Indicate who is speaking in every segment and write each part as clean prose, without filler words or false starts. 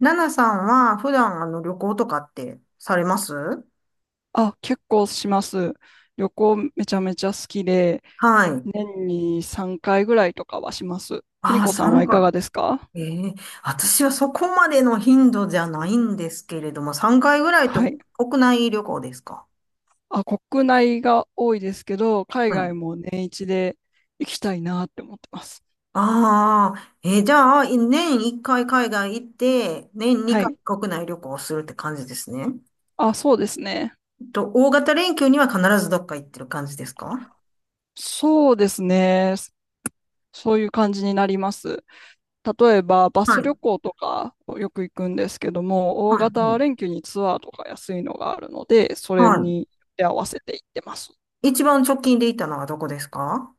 Speaker 1: ナナさんは普段旅行とかってされます？
Speaker 2: あ、結構します。旅行めちゃめちゃ好きで、
Speaker 1: はい。
Speaker 2: 年に3回ぐらいとかはします。邦
Speaker 1: ああ、
Speaker 2: 子さんは
Speaker 1: 3
Speaker 2: いかがですか？
Speaker 1: 回。ええ、私はそこまでの頻度じゃないんですけれども、3回ぐらいと。
Speaker 2: はい。
Speaker 1: 国内旅行ですか？
Speaker 2: あ、国内が多いですけど、海
Speaker 1: はい。
Speaker 2: 外も年一で行きたいなって思ってます。
Speaker 1: ああ、じゃあ、年1回海外行って、年
Speaker 2: は
Speaker 1: 2回
Speaker 2: い。
Speaker 1: 国内旅行するって感じですね。
Speaker 2: あ、そうですね。
Speaker 1: と、大型連休には必ずどっか行ってる感じですか？
Speaker 2: そうですね。そういう感じになります。例えば、バ
Speaker 1: は
Speaker 2: ス
Speaker 1: い。
Speaker 2: 旅行とかよく行くんですけども、大
Speaker 1: は
Speaker 2: 型
Speaker 1: い。
Speaker 2: 連休にツアーとか安いのがあるので、それ
Speaker 1: は
Speaker 2: に合わせて行ってます。
Speaker 1: い。一番直近で行ったのはどこですか？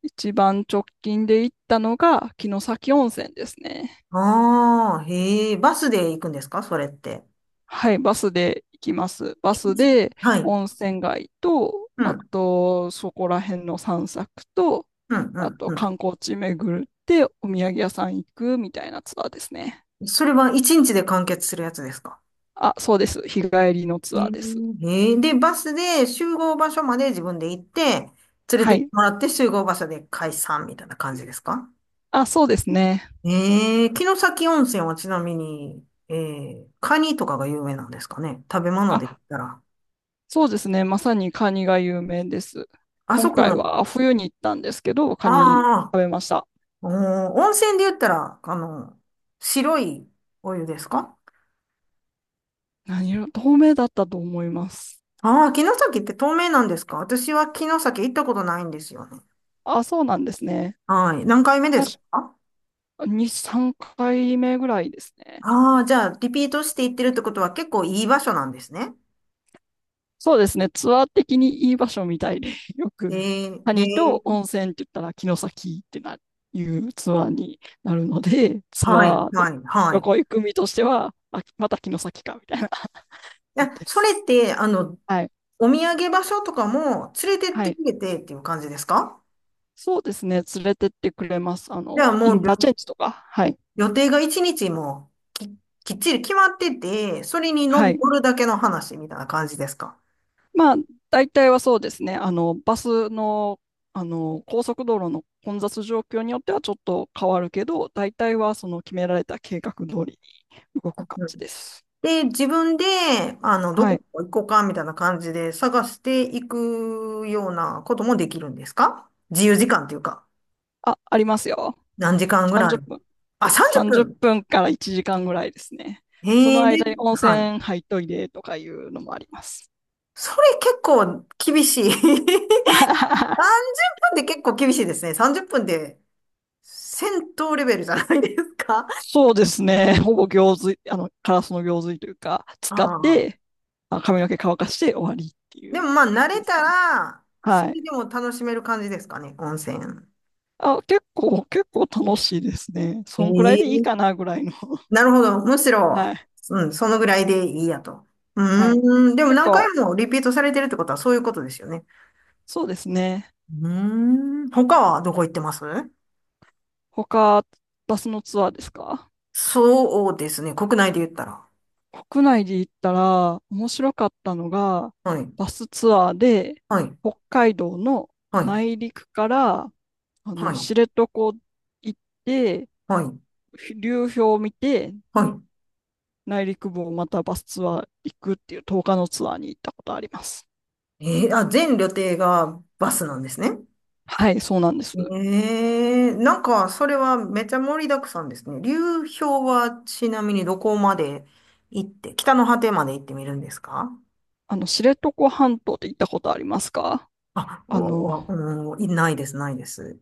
Speaker 2: 一番直近で行ったのが城崎温泉ですね。
Speaker 1: ああ、へえ、バスで行くんですかそれって。
Speaker 2: はい、バスで行きます。バ
Speaker 1: え
Speaker 2: ス
Speaker 1: じ
Speaker 2: で
Speaker 1: はい。うん、
Speaker 2: 温泉街と、
Speaker 1: う
Speaker 2: あ
Speaker 1: ん、
Speaker 2: とそこら辺の散策と、
Speaker 1: う
Speaker 2: あ
Speaker 1: ん、
Speaker 2: と
Speaker 1: う
Speaker 2: 観光地巡ってお土産屋さん行くみたいなツアーですね。
Speaker 1: ん。それは一日で完結するやつですか？
Speaker 2: あ、そうです。日帰りの
Speaker 1: へ
Speaker 2: ツ
Speaker 1: え、
Speaker 2: アーです。
Speaker 1: へえで、バスで集合場所まで自分で行って、連れ
Speaker 2: は
Speaker 1: てって
Speaker 2: い。
Speaker 1: もらって集合場所で解散みたいな感じですか？
Speaker 2: あ、そうですね。
Speaker 1: ええ、城崎温泉はちなみに、ええ、カニとかが有名なんですかね、食べ物で言
Speaker 2: あ、
Speaker 1: ったら。
Speaker 2: そうですね。まさにカニが有名です。
Speaker 1: あ
Speaker 2: 今
Speaker 1: そこ
Speaker 2: 回
Speaker 1: の、
Speaker 2: は冬に行ったんですけど、カニ
Speaker 1: ああ、
Speaker 2: 食べました。
Speaker 1: おー、温泉で言ったら、白いお湯ですか？
Speaker 2: 何色、透明だったと思います。
Speaker 1: ああ、城崎って透明なんですか？私は城崎行ったことないんですよね。
Speaker 2: あ、そうなんですね。
Speaker 1: はい。何回目ですか？
Speaker 2: 確
Speaker 1: あ
Speaker 2: かに3回目ぐらいですね。
Speaker 1: あー、じゃあ、リピートして行ってるってことは結構いい場所なんですね。
Speaker 2: そうですね。ツアー的にいい場所みたいで、よ
Speaker 1: へ
Speaker 2: く
Speaker 1: え、へ
Speaker 2: 谷
Speaker 1: え。
Speaker 2: と温泉って言ったら城崎ってな、いうツアーになるので、ツ
Speaker 1: はい、
Speaker 2: アーで
Speaker 1: はい、
Speaker 2: 旅
Speaker 1: は
Speaker 2: 行行く身としては、あ、また城崎かみたいな感
Speaker 1: い。
Speaker 2: じ
Speaker 1: え、
Speaker 2: で
Speaker 1: それ
Speaker 2: す。
Speaker 1: って、
Speaker 2: はい。
Speaker 1: お土産場所とかも連れてっ
Speaker 2: は
Speaker 1: て
Speaker 2: い。
Speaker 1: くれてっていう感じですか？
Speaker 2: そうですね。連れてってくれます。あ
Speaker 1: じゃあ
Speaker 2: の、
Speaker 1: も
Speaker 2: イン
Speaker 1: うり
Speaker 2: ターチェ
Speaker 1: ょ
Speaker 2: ンジとか。はい。
Speaker 1: 予定が一日もきっちり決まってて、それに乗
Speaker 2: はい。
Speaker 1: 乗るだけの話みたいな感じですか？
Speaker 2: まあ、大体はそうですね。あの、バスの、あの、高速道路の混雑状況によってはちょっと変わるけど、大体はその決められた計画通りに動く感じです。
Speaker 1: で、自分で、ど
Speaker 2: は
Speaker 1: こ
Speaker 2: い。
Speaker 1: 行こうか、みたいな感じで探していくようなこともできるんですか？自由時間っていうか、
Speaker 2: あ、ありますよ。
Speaker 1: 何時間ぐらい？
Speaker 2: 30分。
Speaker 1: あ、30
Speaker 2: 30
Speaker 1: 分
Speaker 2: 分から1時間ぐらいですね。そ
Speaker 1: へ
Speaker 2: の
Speaker 1: え、で、
Speaker 2: 間に温
Speaker 1: はい。
Speaker 2: 泉入っといでとかいうのもあります。
Speaker 1: それ結構厳しい。30分 っぷんって結構厳しいですね。30分で戦闘レベルじゃないですか。
Speaker 2: そうですね。ほぼ行水、あの、カラスの行水というか、
Speaker 1: あ
Speaker 2: 使って、
Speaker 1: あ。
Speaker 2: まあ髪の毛乾かして終わりってい
Speaker 1: でも
Speaker 2: う
Speaker 1: まあ、
Speaker 2: 感
Speaker 1: 慣
Speaker 2: じ
Speaker 1: れ
Speaker 2: です
Speaker 1: た
Speaker 2: ね。
Speaker 1: ら、そ
Speaker 2: は
Speaker 1: れ
Speaker 2: い。
Speaker 1: でも楽しめる感じですかね、温泉。
Speaker 2: あ、結構楽しいですね。そんくらいでいい
Speaker 1: え
Speaker 2: か
Speaker 1: え、
Speaker 2: なぐらいの。
Speaker 1: なるほど。むし ろ、
Speaker 2: はい。
Speaker 1: うん、そのぐらいでいいやと。
Speaker 2: はい。
Speaker 1: うーん。でも
Speaker 2: 結
Speaker 1: 何回
Speaker 2: 構、
Speaker 1: もリピートされてるってことはそういうことですよね。
Speaker 2: そうですね。
Speaker 1: うーん。他はどこ行ってます？
Speaker 2: 他、バスのツアーですか？
Speaker 1: そうですね、国内で言ったら。
Speaker 2: 国内で行ったら、面白かったのが、
Speaker 1: はい。
Speaker 2: バスツアーで、
Speaker 1: はい。
Speaker 2: 北海道の
Speaker 1: はい。
Speaker 2: 内陸から、あ
Speaker 1: は
Speaker 2: の、知
Speaker 1: い。
Speaker 2: 床行って、
Speaker 1: はい。
Speaker 2: 流氷を見て、
Speaker 1: は
Speaker 2: 内陸部をまたバスツアー行くっていう10日のツアーに行ったことあります。
Speaker 1: い。あ、全旅程がバスなんですね。
Speaker 2: はい、そうなんです。
Speaker 1: えなんか、それはめちゃ盛りだくさんですね。流氷はちなみにどこまで行って、北の果てまで行ってみるんですか？
Speaker 2: あの、知床半島って行ったことありますか？
Speaker 1: あ、お、
Speaker 2: あの、
Speaker 1: お、おいないです、ないです。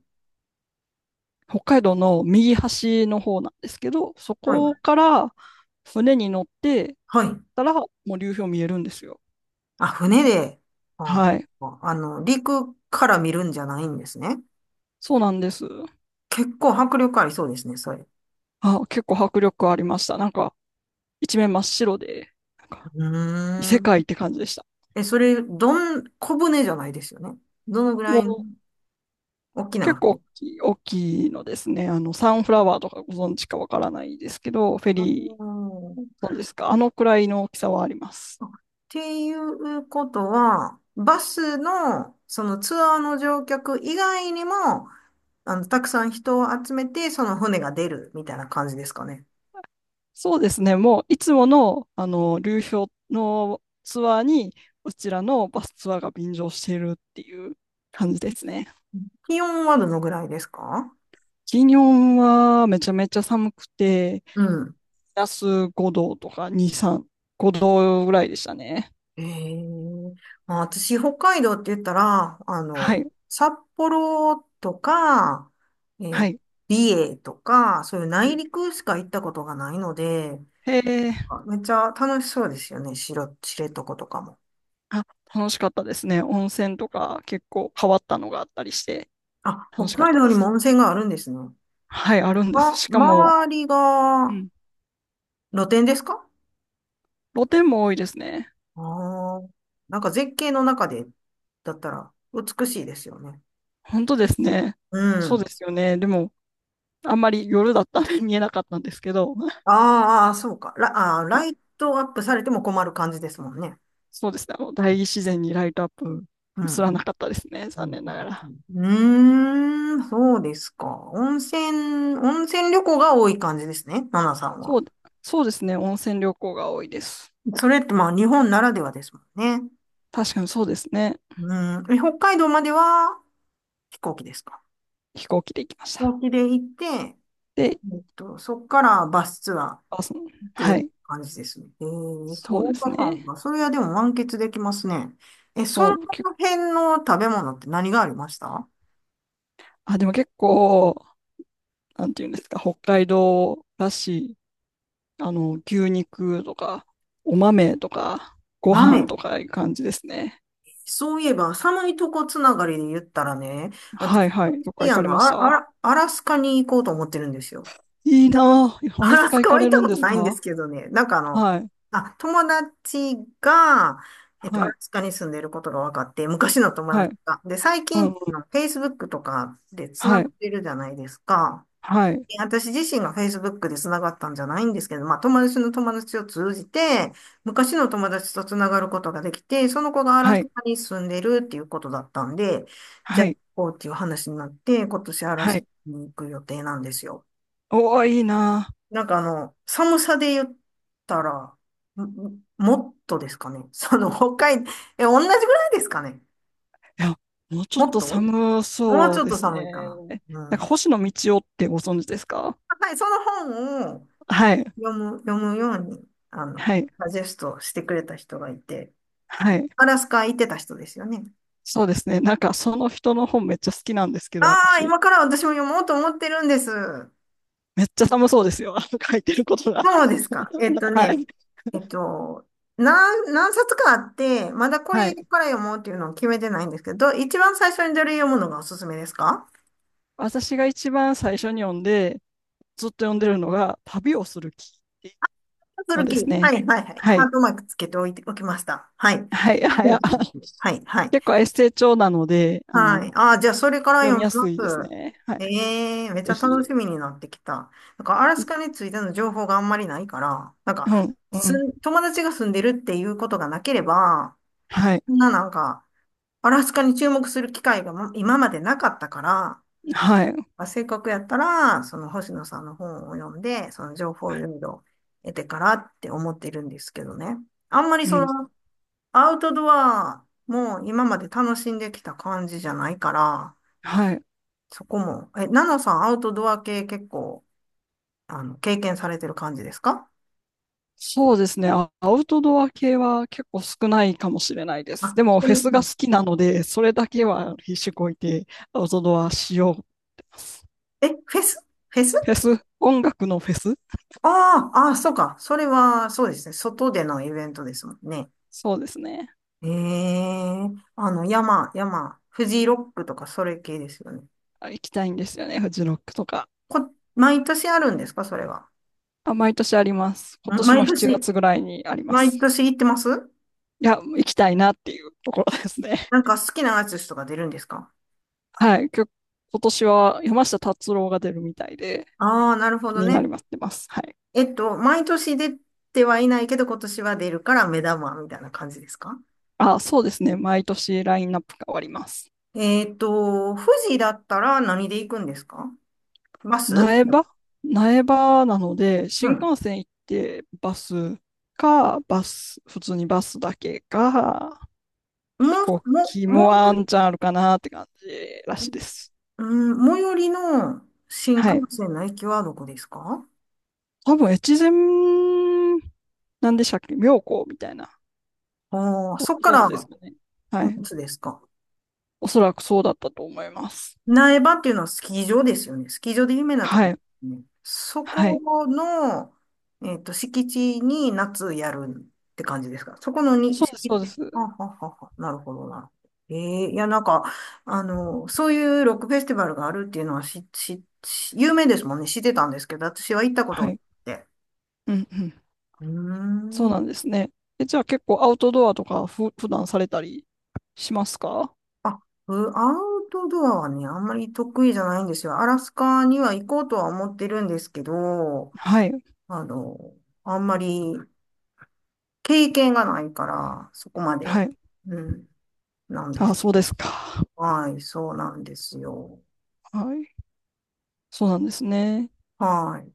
Speaker 2: 北海道の右端の方なんですけど、そ
Speaker 1: はい。
Speaker 2: こから船に乗って
Speaker 1: はい。
Speaker 2: たら、もう流氷見えるんですよ。
Speaker 1: あ、船で、あ、
Speaker 2: はい。
Speaker 1: 陸から見るんじゃないんですね。
Speaker 2: そうなんです。
Speaker 1: 結構迫力ありそうですね、それ。う
Speaker 2: あ、結構迫力ありました。なんか、一面真っ白で、なんか、
Speaker 1: ー
Speaker 2: 異世
Speaker 1: ん。
Speaker 2: 界って感じでした。
Speaker 1: え、それ、どん、小舟じゃないですよね。どのぐら
Speaker 2: も
Speaker 1: いの
Speaker 2: う、
Speaker 1: 大き
Speaker 2: 結
Speaker 1: な
Speaker 2: 構
Speaker 1: 船？
Speaker 2: 大きい、大きいのですね。あの、サンフラワーとかご存知かわからないですけど、フェ
Speaker 1: あ
Speaker 2: リー、
Speaker 1: ー
Speaker 2: そうですか。あのくらいの大きさはあります。
Speaker 1: あ、っていうことは、バスの、そのツアーの乗客以外にも、たくさん人を集めて、その船が出るみたいな感じですかね。
Speaker 2: そうですね。もう、いつもの、あの、流氷のツアーに、うちらのバスツアーが便乗しているっていう感じですね。
Speaker 1: 気温はどのぐらいですか？
Speaker 2: 金曜はめちゃめちゃ寒くて、
Speaker 1: うん。
Speaker 2: プラス5度とか2、3、5度ぐらいでしたね。
Speaker 1: ええ、まあ、私、北海道って言ったら、
Speaker 2: はい、
Speaker 1: 札幌とか、え
Speaker 2: は
Speaker 1: ー
Speaker 2: い。
Speaker 1: 美瑛とか、そういう
Speaker 2: う
Speaker 1: 内
Speaker 2: ん、
Speaker 1: 陸しか行ったことがないので、
Speaker 2: へえ、
Speaker 1: めっちゃ楽しそうですよね。しろ、知床とかも。
Speaker 2: あ、楽しかったですね。温泉とか結構変わったのがあったりして、
Speaker 1: あ、
Speaker 2: 楽
Speaker 1: 北
Speaker 2: しかっ
Speaker 1: 海
Speaker 2: た
Speaker 1: 道
Speaker 2: で
Speaker 1: にも
Speaker 2: す。
Speaker 1: 温泉があるんですね。
Speaker 2: はい、あるんです。
Speaker 1: ま、
Speaker 2: しかも、
Speaker 1: 周り
Speaker 2: う
Speaker 1: が
Speaker 2: ん、
Speaker 1: 露天ですか？
Speaker 2: 露天も多いですね。
Speaker 1: ああー、なんか絶景の中で、だったら美しいですよね。
Speaker 2: 本当ですね。
Speaker 1: う
Speaker 2: そうで
Speaker 1: ん。
Speaker 2: すよね。でも、あんまり夜だったんで見えなかったんですけど、
Speaker 1: あーあー、そうか。ラ、
Speaker 2: はい、
Speaker 1: ライトアップされても困る感じですもんね。
Speaker 2: そうですね、あの大自然にライトアップ
Speaker 1: う
Speaker 2: すら
Speaker 1: ん。
Speaker 2: なかったですね、
Speaker 1: う
Speaker 2: 残
Speaker 1: ん、
Speaker 2: 念
Speaker 1: う
Speaker 2: なが
Speaker 1: ん、
Speaker 2: ら。
Speaker 1: うんうーん、そうですか。温泉旅行が多い感じですね、ナナさん
Speaker 2: そ
Speaker 1: は。
Speaker 2: う、そうですね、温泉旅行が多いです。
Speaker 1: それってまあ日本ならではですもんね。
Speaker 2: 確かにそうですね、
Speaker 1: うん。え、北海道までは飛行機ですか？
Speaker 2: 飛行機で行きまし
Speaker 1: 飛
Speaker 2: た。
Speaker 1: 行機で行って、
Speaker 2: で、
Speaker 1: そっからバスツアーっ
Speaker 2: あ、その、は
Speaker 1: て
Speaker 2: い、
Speaker 1: 感じですね。
Speaker 2: そうで
Speaker 1: 10
Speaker 2: す
Speaker 1: 日間
Speaker 2: ね、
Speaker 1: かんか。それはでも満喫できますね。え、そ
Speaker 2: そ
Speaker 1: の
Speaker 2: う、け、
Speaker 1: 辺の食べ物って何がありました？
Speaker 2: あ、でも結構、なんていうんですか、北海道らしい、あの、牛肉とか、お豆とか、ご飯
Speaker 1: 豆。
Speaker 2: とかいう感じですね。
Speaker 1: そういえば、寒いとこつながりで言ったらね、
Speaker 2: は
Speaker 1: 私、
Speaker 2: いはい、どっか行
Speaker 1: あ
Speaker 2: かれ
Speaker 1: の、
Speaker 2: ま
Speaker 1: あ
Speaker 2: し
Speaker 1: ら、あ
Speaker 2: た？
Speaker 1: らアラスカに行こうと思ってるんですよ。
Speaker 2: いいなあ。ア
Speaker 1: ア
Speaker 2: ラス
Speaker 1: ラス
Speaker 2: カ行
Speaker 1: カ
Speaker 2: か
Speaker 1: は行っ
Speaker 2: れ
Speaker 1: た
Speaker 2: るん
Speaker 1: こ
Speaker 2: で
Speaker 1: と
Speaker 2: す
Speaker 1: ないんです
Speaker 2: か？
Speaker 1: けどね、なんか
Speaker 2: はい。
Speaker 1: あ、友達が、ア
Speaker 2: は
Speaker 1: ラ
Speaker 2: い。
Speaker 1: スカに住んでることが分かって、昔の友
Speaker 2: はい。
Speaker 1: 達が。で、最
Speaker 2: うんう
Speaker 1: 近、
Speaker 2: ん。
Speaker 1: Facebook とかでつな
Speaker 2: は
Speaker 1: がっ
Speaker 2: い。
Speaker 1: てるじゃないですか。
Speaker 2: はい。
Speaker 1: 私自身が Facebook で繋がったんじゃないんですけど、まあ友達の友達を通じて、昔の友達と繋がることができて、その子がアラ
Speaker 2: は
Speaker 1: ス
Speaker 2: い。
Speaker 1: カに住んでるっていうことだったんで、じゃ
Speaker 2: は
Speaker 1: あ行
Speaker 2: い。
Speaker 1: こうっていう話になって、今年アラ
Speaker 2: は
Speaker 1: ス
Speaker 2: い。
Speaker 1: カに行く予定なんですよ。
Speaker 2: おお、いいなあ。
Speaker 1: なんか寒さで言ったら、もっとですかね。その北海、え、同じぐらいですかね。
Speaker 2: いや、もうちょっ
Speaker 1: もっ
Speaker 2: と
Speaker 1: と、も
Speaker 2: 寒
Speaker 1: う
Speaker 2: そ
Speaker 1: ち
Speaker 2: う
Speaker 1: ょっ
Speaker 2: で
Speaker 1: と
Speaker 2: す
Speaker 1: 寒いか
Speaker 2: ね。
Speaker 1: な。う
Speaker 2: なんか、
Speaker 1: ん。
Speaker 2: 星野道夫ってご存知ですか？
Speaker 1: はい、その本を、
Speaker 2: はい。
Speaker 1: 読むように、
Speaker 2: はい。
Speaker 1: サジェストしてくれた人がいて、
Speaker 2: はい。
Speaker 1: アラスカ行ってた人ですよね。
Speaker 2: そうですね。なんか、その人の本めっちゃ好きなんですけど、
Speaker 1: ああ、
Speaker 2: 私。
Speaker 1: 今から私も読もうと思ってるんです。
Speaker 2: めっちゃ寒そうですよ。あの書いてることが。
Speaker 1: そうですか。えっと
Speaker 2: は
Speaker 1: ね、
Speaker 2: い。
Speaker 1: えっと、何冊かあって、まだこ
Speaker 2: は
Speaker 1: れ
Speaker 2: い。
Speaker 1: から読もうっていうのを決めてないんですけど、一番最初にどれ読むのがおすすめですか？
Speaker 2: 私が一番最初に読んで、ずっと読んでるのが、旅をする気。
Speaker 1: ハズ
Speaker 2: の
Speaker 1: ル
Speaker 2: で
Speaker 1: キ
Speaker 2: す
Speaker 1: ー。は
Speaker 2: ね。
Speaker 1: い、はい、はい。
Speaker 2: は
Speaker 1: ハー
Speaker 2: い。
Speaker 1: トマークつけておいて、おきました。はい。
Speaker 2: はい。はい。
Speaker 1: そう
Speaker 2: あ
Speaker 1: です、はい、はい。
Speaker 2: 結構エッセイ調なので、あ
Speaker 1: はい。
Speaker 2: の、
Speaker 1: ああ、じゃあ、それから
Speaker 2: 読み
Speaker 1: 読み
Speaker 2: や
Speaker 1: ま
Speaker 2: すいです
Speaker 1: す。
Speaker 2: ね。はい。
Speaker 1: ええ、めっち
Speaker 2: ぜ
Speaker 1: ゃ楽し
Speaker 2: ひ。
Speaker 1: みになってきた。なんか、アラス
Speaker 2: い、
Speaker 1: カについての情報があんまりないから、なん
Speaker 2: う
Speaker 1: か、
Speaker 2: ん、う
Speaker 1: す
Speaker 2: ん。
Speaker 1: ん、友達が住んでるっていうことがなければ、
Speaker 2: はい。
Speaker 1: そんななんか、アラスカに注目する機会がま、今までなかったから、
Speaker 2: はい。
Speaker 1: まあ、せっかくやったら、その星野さんの本を読んで、その情報をいろいろ得てからって思ってるんですけどね。あんまり
Speaker 2: う
Speaker 1: そ
Speaker 2: ん。
Speaker 1: の、アウトドアも今まで楽しんできた感じじゃないから、
Speaker 2: はい。
Speaker 1: そこも。え、ナナさん、アウトドア系結構、経験されてる感じですか？
Speaker 2: そうですね。あ、アウトドア系は結構少ないかもしれないです。
Speaker 1: あ、
Speaker 2: でも、
Speaker 1: そ
Speaker 2: フェ
Speaker 1: れ、う
Speaker 2: スが
Speaker 1: ん、
Speaker 2: 好きなので、それだけは必死こいてアウトドアしようってます。
Speaker 1: え、フェス？
Speaker 2: フェス、音楽のフェス。
Speaker 1: ああ、ああ、そうか。それは、そうですね。外でのイベントですもんね。
Speaker 2: そうですね。
Speaker 1: ええ、あの、山、山、フジロックとか、それ系ですよね。
Speaker 2: あ、行きたいんですよね。フジロックとか。
Speaker 1: こ、毎年あるんですかそれは？
Speaker 2: あ、毎年あります。今
Speaker 1: ん
Speaker 2: 年
Speaker 1: 毎
Speaker 2: も7
Speaker 1: 年、
Speaker 2: 月ぐらいにありま
Speaker 1: 毎
Speaker 2: す。
Speaker 1: 年行ってます？
Speaker 2: いや、行きたいなっていうところですね。
Speaker 1: なんか好きなアーティストが出るんですか？
Speaker 2: はい。今年は山下達郎が出るみたいで
Speaker 1: ああー、なるほ
Speaker 2: 気
Speaker 1: ど
Speaker 2: にな
Speaker 1: ね。
Speaker 2: りますってます。はい。
Speaker 1: 毎年出てはいないけど、今年は出るから目玉みたいな感じですか？
Speaker 2: あ、そうですね。毎年ラインナップが変わります。
Speaker 1: 富士だったら何で行くんですか？バス？
Speaker 2: 苗場苗場なので、
Speaker 1: う
Speaker 2: 新
Speaker 1: ん。
Speaker 2: 幹線行ってバスか、バス、普通にバスだけか、
Speaker 1: も、
Speaker 2: 飛
Speaker 1: も、
Speaker 2: 行機
Speaker 1: も、
Speaker 2: もワンチャンあるかなって感じらしいです。
Speaker 1: うん、最寄りの新幹
Speaker 2: はい。
Speaker 1: 線の駅はどこですか？
Speaker 2: 多分、越前、なんでしたっけ妙高みたいな。
Speaker 1: ああー、
Speaker 2: ご
Speaker 1: そっか
Speaker 2: 存
Speaker 1: ら、
Speaker 2: 知ですかね。はい。
Speaker 1: いつですか？
Speaker 2: おそらくそうだったと思います。
Speaker 1: 苗場っていうのはスキー場ですよね。スキー場で有名なとこ
Speaker 2: は
Speaker 1: で
Speaker 2: い。
Speaker 1: すね。そ
Speaker 2: はい。
Speaker 1: この、敷地に夏やるって感じですか。そこのに、
Speaker 2: そうです、
Speaker 1: 敷
Speaker 2: そうで
Speaker 1: 地。はあ
Speaker 2: す。
Speaker 1: はあはあはあ、なるほど、なるほど。ええ、いや、なんか、そういうロックフェスティバルがあるっていうのはし、し、し有名ですもんね。知ってたんですけど、私は行ったこと
Speaker 2: は
Speaker 1: がなっ
Speaker 2: い。
Speaker 1: て。
Speaker 2: うん、うん。
Speaker 1: うー
Speaker 2: そうなん
Speaker 1: ん。
Speaker 2: ですね。え、じゃあ結構アウトドアとか普段されたりしますか？
Speaker 1: あ、アウトドアはね、あんまり得意じゃないんですよ。アラスカには行こうとは思ってるんですけど、
Speaker 2: はい。
Speaker 1: あの、あんまり経験がないから、そこまで、
Speaker 2: はい。
Speaker 1: うん、なんで
Speaker 2: あ、
Speaker 1: す。
Speaker 2: そうですか。
Speaker 1: はい、そうなんですよ。
Speaker 2: はい。そうなんですね。
Speaker 1: はい。